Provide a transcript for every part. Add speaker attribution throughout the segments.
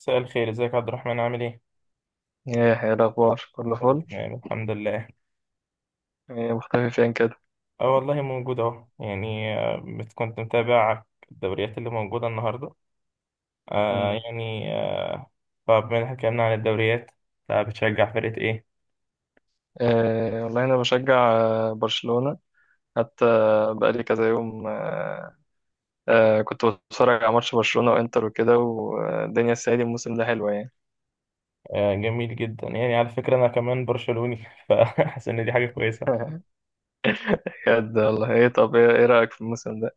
Speaker 1: مساء الخير، ازيك يا عبد الرحمن، عامل ايه؟
Speaker 2: ايه إيه الاخبار كله
Speaker 1: كله
Speaker 2: فل.
Speaker 1: تمام، الحمد لله.
Speaker 2: إيه مختفي فين كده؟
Speaker 1: اه والله موجود اهو، يعني كنت متابع الدوريات اللي موجودة النهاردة.
Speaker 2: مم.
Speaker 1: يعني فبما ان احنا اتكلمنا عن الدوريات، فبتشجع فرقة ايه؟
Speaker 2: إيه، والله انا بشجع برشلونة حتى. بقالي كذا يوم كنت بتفرج على ماتش برشلونة وانتر وكده، والدنيا السعيدة، الموسم ده حلوة يعني.
Speaker 1: جميل جدا، يعني على فكرة انا كمان برشلوني فحاسس ان دي حاجة كويسة.
Speaker 2: بجد والله، ايه طب، ايه رأيك في الموسم ده؟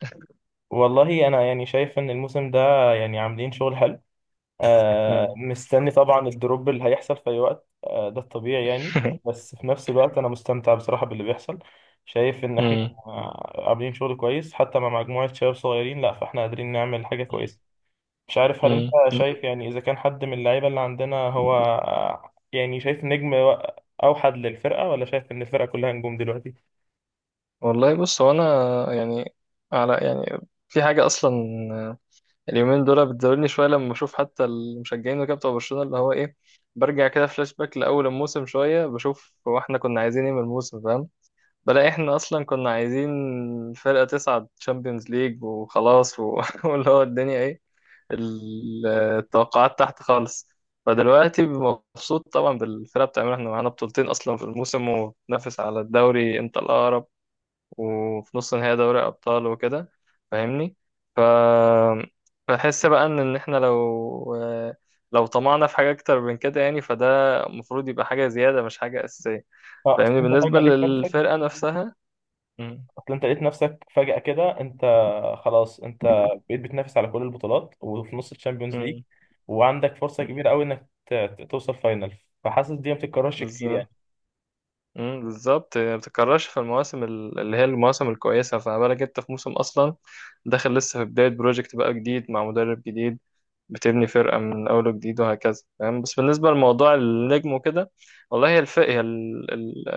Speaker 1: والله انا يعني شايف ان الموسم ده يعني عاملين شغل حلو.
Speaker 2: مم.
Speaker 1: مستني طبعا الدروب اللي هيحصل في أي وقت، ده الطبيعي يعني. بس في نفس الوقت أنا مستمتع بصراحة باللي بيحصل، شايف إن إحنا
Speaker 2: مم.
Speaker 1: عاملين شغل كويس حتى مع مجموعة شباب صغيرين. لأ، فإحنا قادرين نعمل حاجة كويسة. مش عارف، هل أنت
Speaker 2: مم.
Speaker 1: شايف يعني إذا كان حد من اللعيبة اللي عندنا هو يعني شايف نجم أوحد للفرقة، ولا شايف إن الفرقة كلها نجوم دلوقتي؟
Speaker 2: والله بص، هو انا يعني، على يعني، في حاجة اصلا اليومين دول بتزودني شويه، لما بشوف حتى المشجعين وكده بتوع برشلونه، اللي هو ايه، برجع كده فلاش باك لاول الموسم شويه، بشوف هو احنا كنا عايزين ايه من الموسم. فاهم، بلاقي احنا اصلا كنا عايزين فرقه تصعد تشامبيونز ليج وخلاص واللي هو الدنيا ايه، التوقعات تحت خالص. فدلوقتي مبسوط طبعا بالفرقه، بتعملها احنا معانا بطولتين اصلا في الموسم، وبننافس على الدوري انت الاقرب، وفي نص نهائي دوري أبطال وكده. فاهمني؟ ف بحس بقى إن إحنا لو طمعنا في حاجة أكتر من كده، يعني فده المفروض يبقى حاجة زيادة مش حاجة أساسية.
Speaker 1: أصل
Speaker 2: فاهمني؟
Speaker 1: أنت
Speaker 2: بالنسبة
Speaker 1: فجأة لقيت نفسك.
Speaker 2: للفرقة نفسها. مم.
Speaker 1: اصل انت لقيت نفسك فجأة كده، انت خلاص، انت بقيت بتنافس على كل البطولات، وفي نص الشامبيونز ليج،
Speaker 2: مم.
Speaker 1: وعندك فرصة
Speaker 2: مم.
Speaker 1: كبيرة قوي انك توصل فاينل. فحاسس دي ما بتتكررش كتير يعني.
Speaker 2: بالظبط. مم. بالظبط ما بتتكررش في المواسم اللي هي المواسم الكويسة، فما بالك أنت في موسم أصلا داخل لسه في بداية بروجكت بقى جديد مع مدرب جديد، بتبني فرقة من أول وجديد، وهكذا. تمام، بس بالنسبة لموضوع النجم وكده، والله هي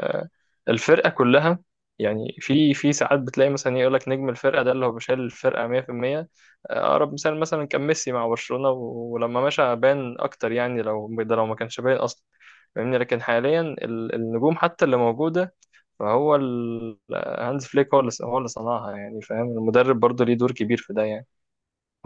Speaker 2: الفرقة كلها، يعني في ساعات بتلاقي مثلا يقول لك نجم الفرقة ده اللي هو بيشيل الفرقة 100%. أقرب مثال مثلا كان ميسي مع برشلونة، ولما مشى بان أكتر، يعني لو ده لو ما كانش باين أصلا. فاهمني؟ لكن حاليا النجوم حتى اللي موجودة، فهو هانز فليك هو اللي صنعها يعني. فاهم؟ المدرب برضه ليه دور كبير في ده يعني.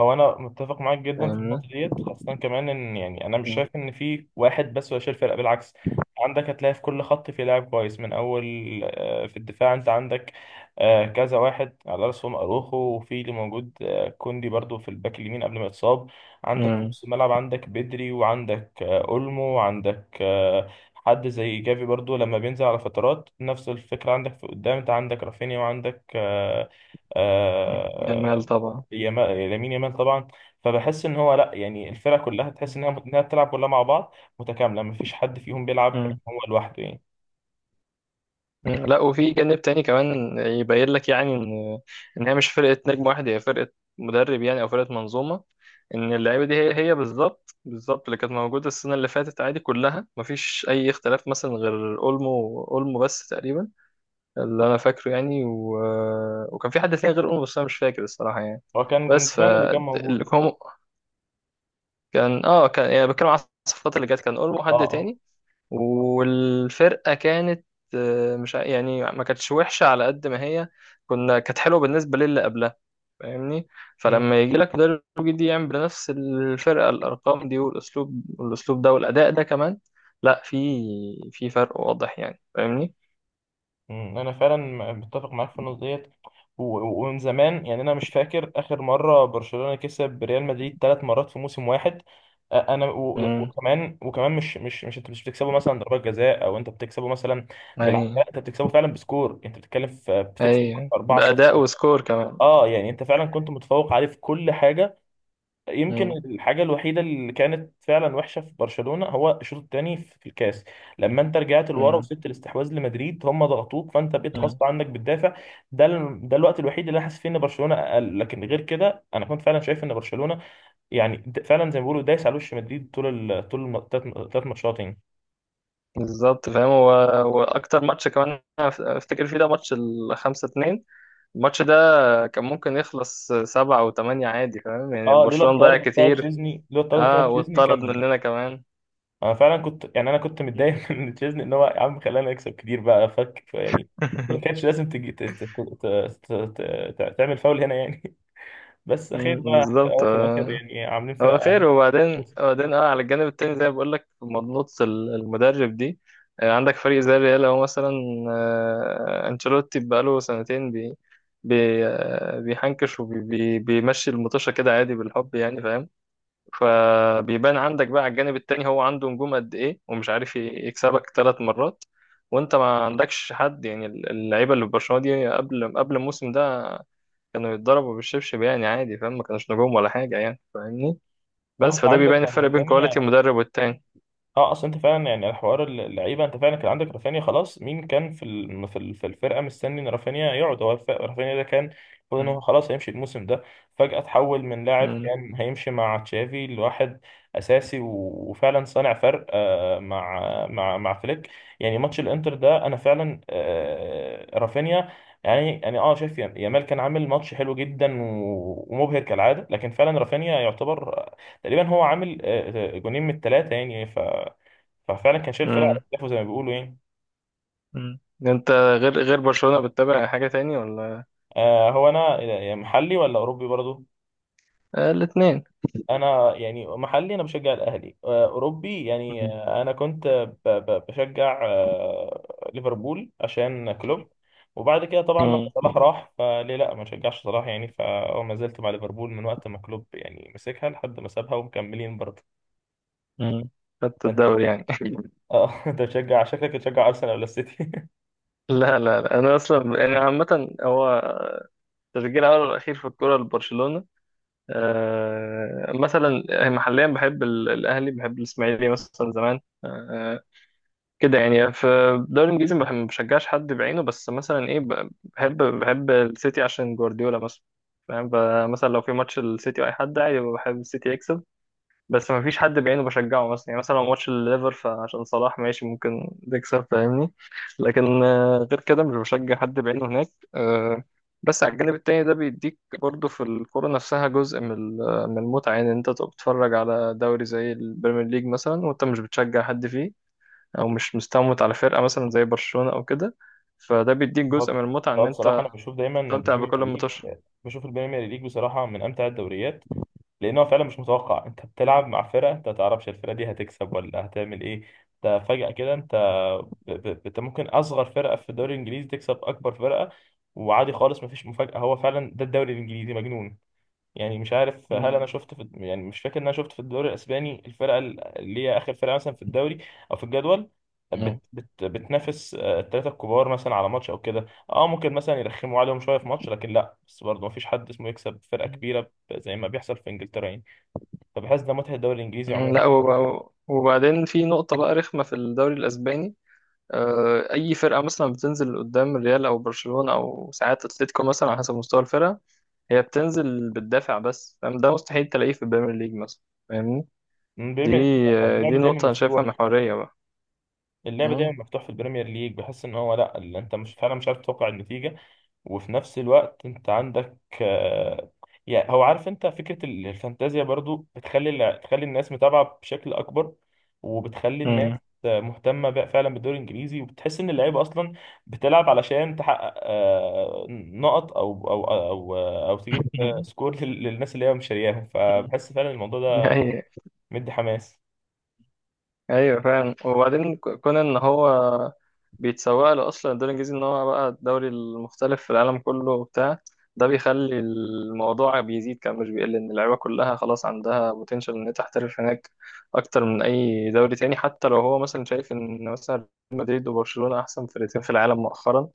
Speaker 1: هو انا متفق معاك جدا في
Speaker 2: فاهمني؟
Speaker 1: النقطه ديت، خاصه كمان ان يعني انا مش شايف ان في واحد بس هو اللي شايل الفرقه، بالعكس عندك هتلاقي في كل خط في لاعب كويس. من اول في الدفاع انت عندك كذا واحد على راسهم اروخو، وفي اللي موجود كوندي برضو في الباك اليمين قبل ما يتصاب. عندك في نص الملعب، عندك بدري وعندك اولمو، وعندك حد زي جافي برضو لما بينزل على فترات، نفس الفكره. عندك في قدام انت عندك رافينيا وعندك
Speaker 2: مم. جمال
Speaker 1: آه،
Speaker 2: طبعا.
Speaker 1: يما- لامين يامال طبعا. فبحس ان هو لا، يعني الفرقه كلها تحس
Speaker 2: مم.
Speaker 1: انها بتلعب كلها مع بعض، متكامله، ما فيش حد فيهم بيلعب
Speaker 2: مم.
Speaker 1: هو لوحده يعني.
Speaker 2: لا، وفي جانب تاني كمان يبين لك يعني ان هي مش فرقه نجم واحد، هي فرقه مدرب يعني، او فرقه منظومه. ان اللعيبه دي هي بالظبط بالظبط اللي كانت موجوده السنه اللي فاتت عادي، كلها مفيش اي اختلاف مثلا غير اولمو، اولمو بس تقريبا اللي انا فاكره يعني، وكان في حد تاني غير اولمو، بس انا مش فاكر الصراحه يعني.
Speaker 1: هو كان
Speaker 2: بس ف
Speaker 1: جوندوجان اللي كان موجود.
Speaker 2: اللي هم- كان اه كان يعني بتكلم على الصفقات اللي جت، كان اولمو
Speaker 1: اه،
Speaker 2: حد
Speaker 1: اه.
Speaker 2: تاني. والفرقة كانت آه، مش ع- يعني ما كانتش وحشة على قد ما هي كانت حلوة بالنسبة للي قبلها. فاهمني؟
Speaker 1: مم.
Speaker 2: فلما يجي لك مدرب جديد يعمل بنفس الفرقة الأرقام دي والأسلوب، والأسلوب ده والأداء ده كمان، لا في، في فرق واضح يعني. فاهمني؟
Speaker 1: انا فعلا متفق معاك في النقطه ديت، ومن زمان يعني، انا مش فاكر اخر مره برشلونه كسب ريال مدريد ثلاث مرات في موسم واحد. انا
Speaker 2: امم
Speaker 1: وكمان مش مش مش انت مش بتكسبه مثلا ضربات جزاء، او انت بتكسبه مثلا
Speaker 2: أي،
Speaker 1: بالعافيه. لا، انت بتكسبه فعلا بسكور، انت بتتكلم في بتكسب
Speaker 2: أي
Speaker 1: 4-0.
Speaker 2: بأداء وسكور كمان.
Speaker 1: اه يعني انت فعلا كنت متفوق عليه في كل حاجه. يمكن
Speaker 2: امم.
Speaker 1: الحاجه الوحيده اللي كانت فعلا وحشه في برشلونه هو الشوط الثاني في الكاس، لما انت رجعت لورا
Speaker 2: امم.
Speaker 1: وسبت الاستحواذ لمدريد، هم ضغطوك فانت بقيت
Speaker 2: أمم.
Speaker 1: غصب عنك بتدافع. ده الوقت الوحيد اللي انا حاسس فيه ان برشلونه اقل، لكن غير كده انا كنت فعلا شايف ان برشلونه يعني فعلا زي ما بيقولوا دايس على وش مدريد طول طول الثلاث ماتشات يعني.
Speaker 2: بالظبط فاهم، هو هو أكتر ماتش كمان أنا أفتكر فيه ده ماتش الخمسة اتنين، الماتش ده كان ممكن يخلص سبعة أو تمانية عادي، فاهم يعني
Speaker 1: اه، لولا
Speaker 2: برشلونة ضيع
Speaker 1: الطرد بتاع
Speaker 2: كتير.
Speaker 1: تشيزني لولا الطرد بتاع
Speaker 2: اه،
Speaker 1: تشيزني
Speaker 2: واتطرد
Speaker 1: كان.
Speaker 2: مننا كمان.
Speaker 1: انا كنت متضايق من تشيزني، ان هو يا عم خلانا نكسب كتير بقى، فك يعني. اللي كانش لازم تجي تعمل فاول هنا يعني. بس
Speaker 2: مم،
Speaker 1: اخير بقى في
Speaker 2: بالظبط.
Speaker 1: الاخر في الآخر يعني، عاملين
Speaker 2: هو
Speaker 1: فرق،
Speaker 2: خير.
Speaker 1: عاملين.
Speaker 2: وبعدين على الجانب التاني، زي ما بقول لك، مضنوط المدرب دي. عندك فريق زي الريال هو مثلا، انشيلوتي بقاله سنتين بي بي آه بيحنكش وبيمشي المطوشة كده عادي بالحب يعني. فاهم؟ فبيبان عندك بقى على الجانب التاني، هو عنده نجوم قد ايه ومش عارف يكسبك ثلاث مرات، وانت ما عندكش حد، يعني اللعيبه اللي في برشلونه دي قبل الموسم ده كانوا يتضربوا بالشبشب يعني عادي، فاهم ما كانوش نجوم ولا حاجه يعني. فاهمني؟
Speaker 1: اه
Speaker 2: بس
Speaker 1: انت
Speaker 2: فده
Speaker 1: عندك
Speaker 2: بيبان الفرق بين كواليتي
Speaker 1: ثانية.
Speaker 2: المدرب والتاني.
Speaker 1: اه اصل انت فعلا يعني، الحوار اللعيبه، انت فعلا كان عندك رافينيا. خلاص، مين كان في الم- في ال- في الفرقه مستني ان رافينيا يقعد؟ رافينيا ده كان المفروض ان هو
Speaker 2: مم.
Speaker 1: خلاص هيمشي الموسم ده، فجاه تحول من لاعب
Speaker 2: مم.
Speaker 1: كان هيمشي مع تشافي لواحد اساسي، وفعلا صانع فرق مع فليك. يعني ماتش الانتر ده انا فعلا، رافينيا يعني شايف يامال كان عامل ماتش حلو جدا ومبهر كالعاده، لكن فعلا رافينيا يعتبر تقريبا هو عامل جونين من الثلاثه يعني. ففعلا كان شايل فرقه على
Speaker 2: مم.
Speaker 1: كتافه زي ما بيقولوا يعني.
Speaker 2: مم. انت غير برشلونه بتتابع حاجه تاني ولا؟
Speaker 1: هو انا يعني محلي ولا اوروبي برضو.
Speaker 2: آه الاثنين.
Speaker 1: انا يعني محلي، انا بشجع الاهلي. اوروبي يعني، انا كنت بشجع ليفربول عشان كلوب. وبعد كده طبعا لما صلاح راح فليه، لا، ما شجعش صلاح يعني، فهو ما زلت مع ليفربول من وقت ما كلوب يعني مسكها لحد ما سابها، ومكملين برضه.
Speaker 2: خدت
Speaker 1: انت
Speaker 2: الدوري يعني.
Speaker 1: اه انت بتشجع، شكلك بتشجع ارسنال ولا السيتي؟
Speaker 2: لا لا لا، انا اصلا انا عامه، هو تشجيع الأول والأخير في الكرة لبرشلونة. مثلا محليا بحب الأهلي، بحب الإسماعيلي مثلا زمان. كده يعني. في الدوري الإنجليزي ما بشجعش حد بعينه، بس مثلا إيه، بحب السيتي عشان جوارديولا مثلا. فاهم؟ مثلا لو في ماتش السيتي وأي حد، عادي بحب السيتي يكسب، بس ما فيش حد بعينه بشجعه مثلا، يعني مثلا لو ماتش الليفر فعشان صلاح ماشي ممكن تكسب. فاهمني؟ لكن غير كده مش بشجع حد بعينه هناك. آه، بس على الجانب التاني ده بيديك برضه في الكورة نفسها جزء من من المتعة، يعني انت تبقى بتتفرج على دوري زي البريمير ليج مثلا وانت مش بتشجع حد فيه، او مش مستموت على فرقة مثلا زي برشلونة او كده، فده بيديك جزء
Speaker 1: هو
Speaker 2: من المتعة
Speaker 1: هو
Speaker 2: ان
Speaker 1: بصراحة
Speaker 2: انت
Speaker 1: أنا بشوف دايما إن
Speaker 2: تستمتع
Speaker 1: البريمير
Speaker 2: بكل
Speaker 1: ليج
Speaker 2: متوشة.
Speaker 1: بشوف البريمير ليج بصراحة من أمتع الدوريات. لأن هو فعلا مش متوقع، أنت بتلعب مع فرقة أنت ما تعرفش الفرقة دي هتكسب ولا هتعمل إيه. أنت فجأة كده أنت ب... ب... أنت ممكن أصغر فرقة في الدوري الإنجليزي تكسب أكبر فرقة، وعادي خالص، مفيش مفاجأة. هو فعلا ده الدوري الإنجليزي مجنون. يعني مش عارف، هل انا شفت في، يعني مش فاكر ان انا شفت في الدوري الاسباني الفرقه اللي هي اخر فرقه مثلا في الدوري او في الجدول بت بت بتنافس الثلاثه الكبار مثلا على ماتش او كده. اه ممكن مثلا يرخموا عليهم شويه في ماتش، لكن لا، بس برضه مفيش حد اسمه يكسب فرقه كبيره زي ما بيحصل في انجلترا يعني. فبحس ده متعه الدوري الانجليزي
Speaker 2: مم،
Speaker 1: عموما.
Speaker 2: لا، وبعدين في نقطة بقى رخمة في الدوري الأسباني، أي فرقة مثلا بتنزل قدام الريال أو برشلونة أو ساعات أتلتيكو مثلا على حسب مستوى الفرقة، هي بتنزل بتدافع بس. فاهم؟ ده مستحيل تلاقيه في البريمير ليج مثلا. فاهمني؟
Speaker 1: من
Speaker 2: دي
Speaker 1: البريمير ليج بقى،
Speaker 2: دي
Speaker 1: اللعب دايما
Speaker 2: نقطة أنا شايفها
Speaker 1: مفتوح.
Speaker 2: محورية بقى.
Speaker 1: اللعب دايما
Speaker 2: مم.
Speaker 1: مفتوح في البريمير ليج، بحس ان هو لا، اللي انت مش فعلا مش عارف تتوقع النتيجه. وفي نفس الوقت انت عندك يعني، هو عارف، انت فكرة الفانتازيا برضو بتخلي بتخلي الناس متابعة بشكل اكبر، وبتخلي الناس
Speaker 2: مم.
Speaker 1: مهتمة بقى فعلا بالدوري الانجليزي، وبتحس ان اللعيبة اصلا بتلعب علشان تحقق نقط، او تجيب سكور للناس اللي هي مشارياهم. فبحس فعلا الموضوع ده
Speaker 2: أيوه.
Speaker 1: مدي حماس.
Speaker 2: ايوه فاهم. وبعدين كون ان هو بيتسوق له اصلا الدوري الانجليزي ان هو بقى الدوري المختلف في العالم كله وبتاع، ده بيخلي الموضوع بيزيد كان مش بيقل، ان اللعيبه كلها خلاص عندها بوتنشال ان هي تحترف هناك اكتر من اي دوري تاني، حتى لو هو مثلا شايف ان مثلا ريال مدريد وبرشلونه احسن فرقتين في العالم مؤخرا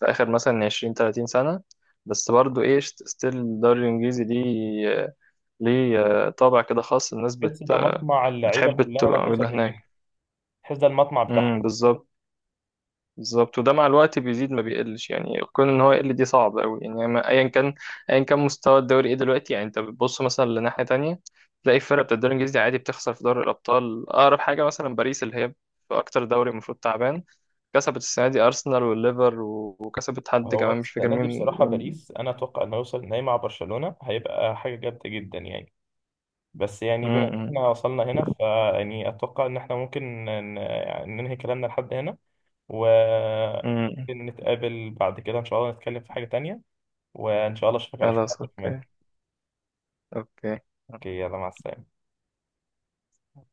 Speaker 2: في اخر مثلا 20 30 سنه، بس برضو ايه، ستيل الدوري الانجليزي ليه، ليه طابع كده خاص. الناس
Speaker 1: بحس ده مطمع اللعيبة
Speaker 2: بتحب
Speaker 1: كلها انها
Speaker 2: تبقى
Speaker 1: توصل
Speaker 2: موجودة
Speaker 1: هناك.
Speaker 2: هناك.
Speaker 1: بحس ده المطمع بتاعها.
Speaker 2: بالظبط. بالظبط، وده مع الوقت بيزيد ما بيقلش يعني، كون ان هو يقل دي صعب قوي يعني. ايا كان ايا كان مستوى الدوري ايه دلوقتي يعني، انت بتبص مثلا لناحيه تانية، تلاقي الفرق بتاع الدوري الانجليزي عادي بتخسر في دوري الابطال. اقرب حاجه مثلا باريس، اللي هي في اكتر دوري المفروض تعبان، كسبت السنه دي ارسنال والليفر، وكسبت حد
Speaker 1: هو
Speaker 2: كمان مش فاكر
Speaker 1: السنة دي
Speaker 2: مين.
Speaker 1: بصراحة
Speaker 2: مين-؟
Speaker 1: باريس أنا أتوقع إنه يوصل النهائي مع برشلونة، هيبقى حاجة جامدة جدا يعني. بس يعني بما
Speaker 2: امم.
Speaker 1: إن
Speaker 2: امم.
Speaker 1: إحنا وصلنا هنا، فيعني أتوقع إن إحنا ممكن يعني ننهي كلامنا لحد هنا،
Speaker 2: أمم.
Speaker 1: وممكن نتقابل بعد كده إن شاء الله، نتكلم في حاجة تانية. وإن شاء الله أشوفك على خير يا
Speaker 2: خلاص
Speaker 1: عبد الرحمن.
Speaker 2: اوكي. اوكي.
Speaker 1: أوكي، يلا مع السلامة.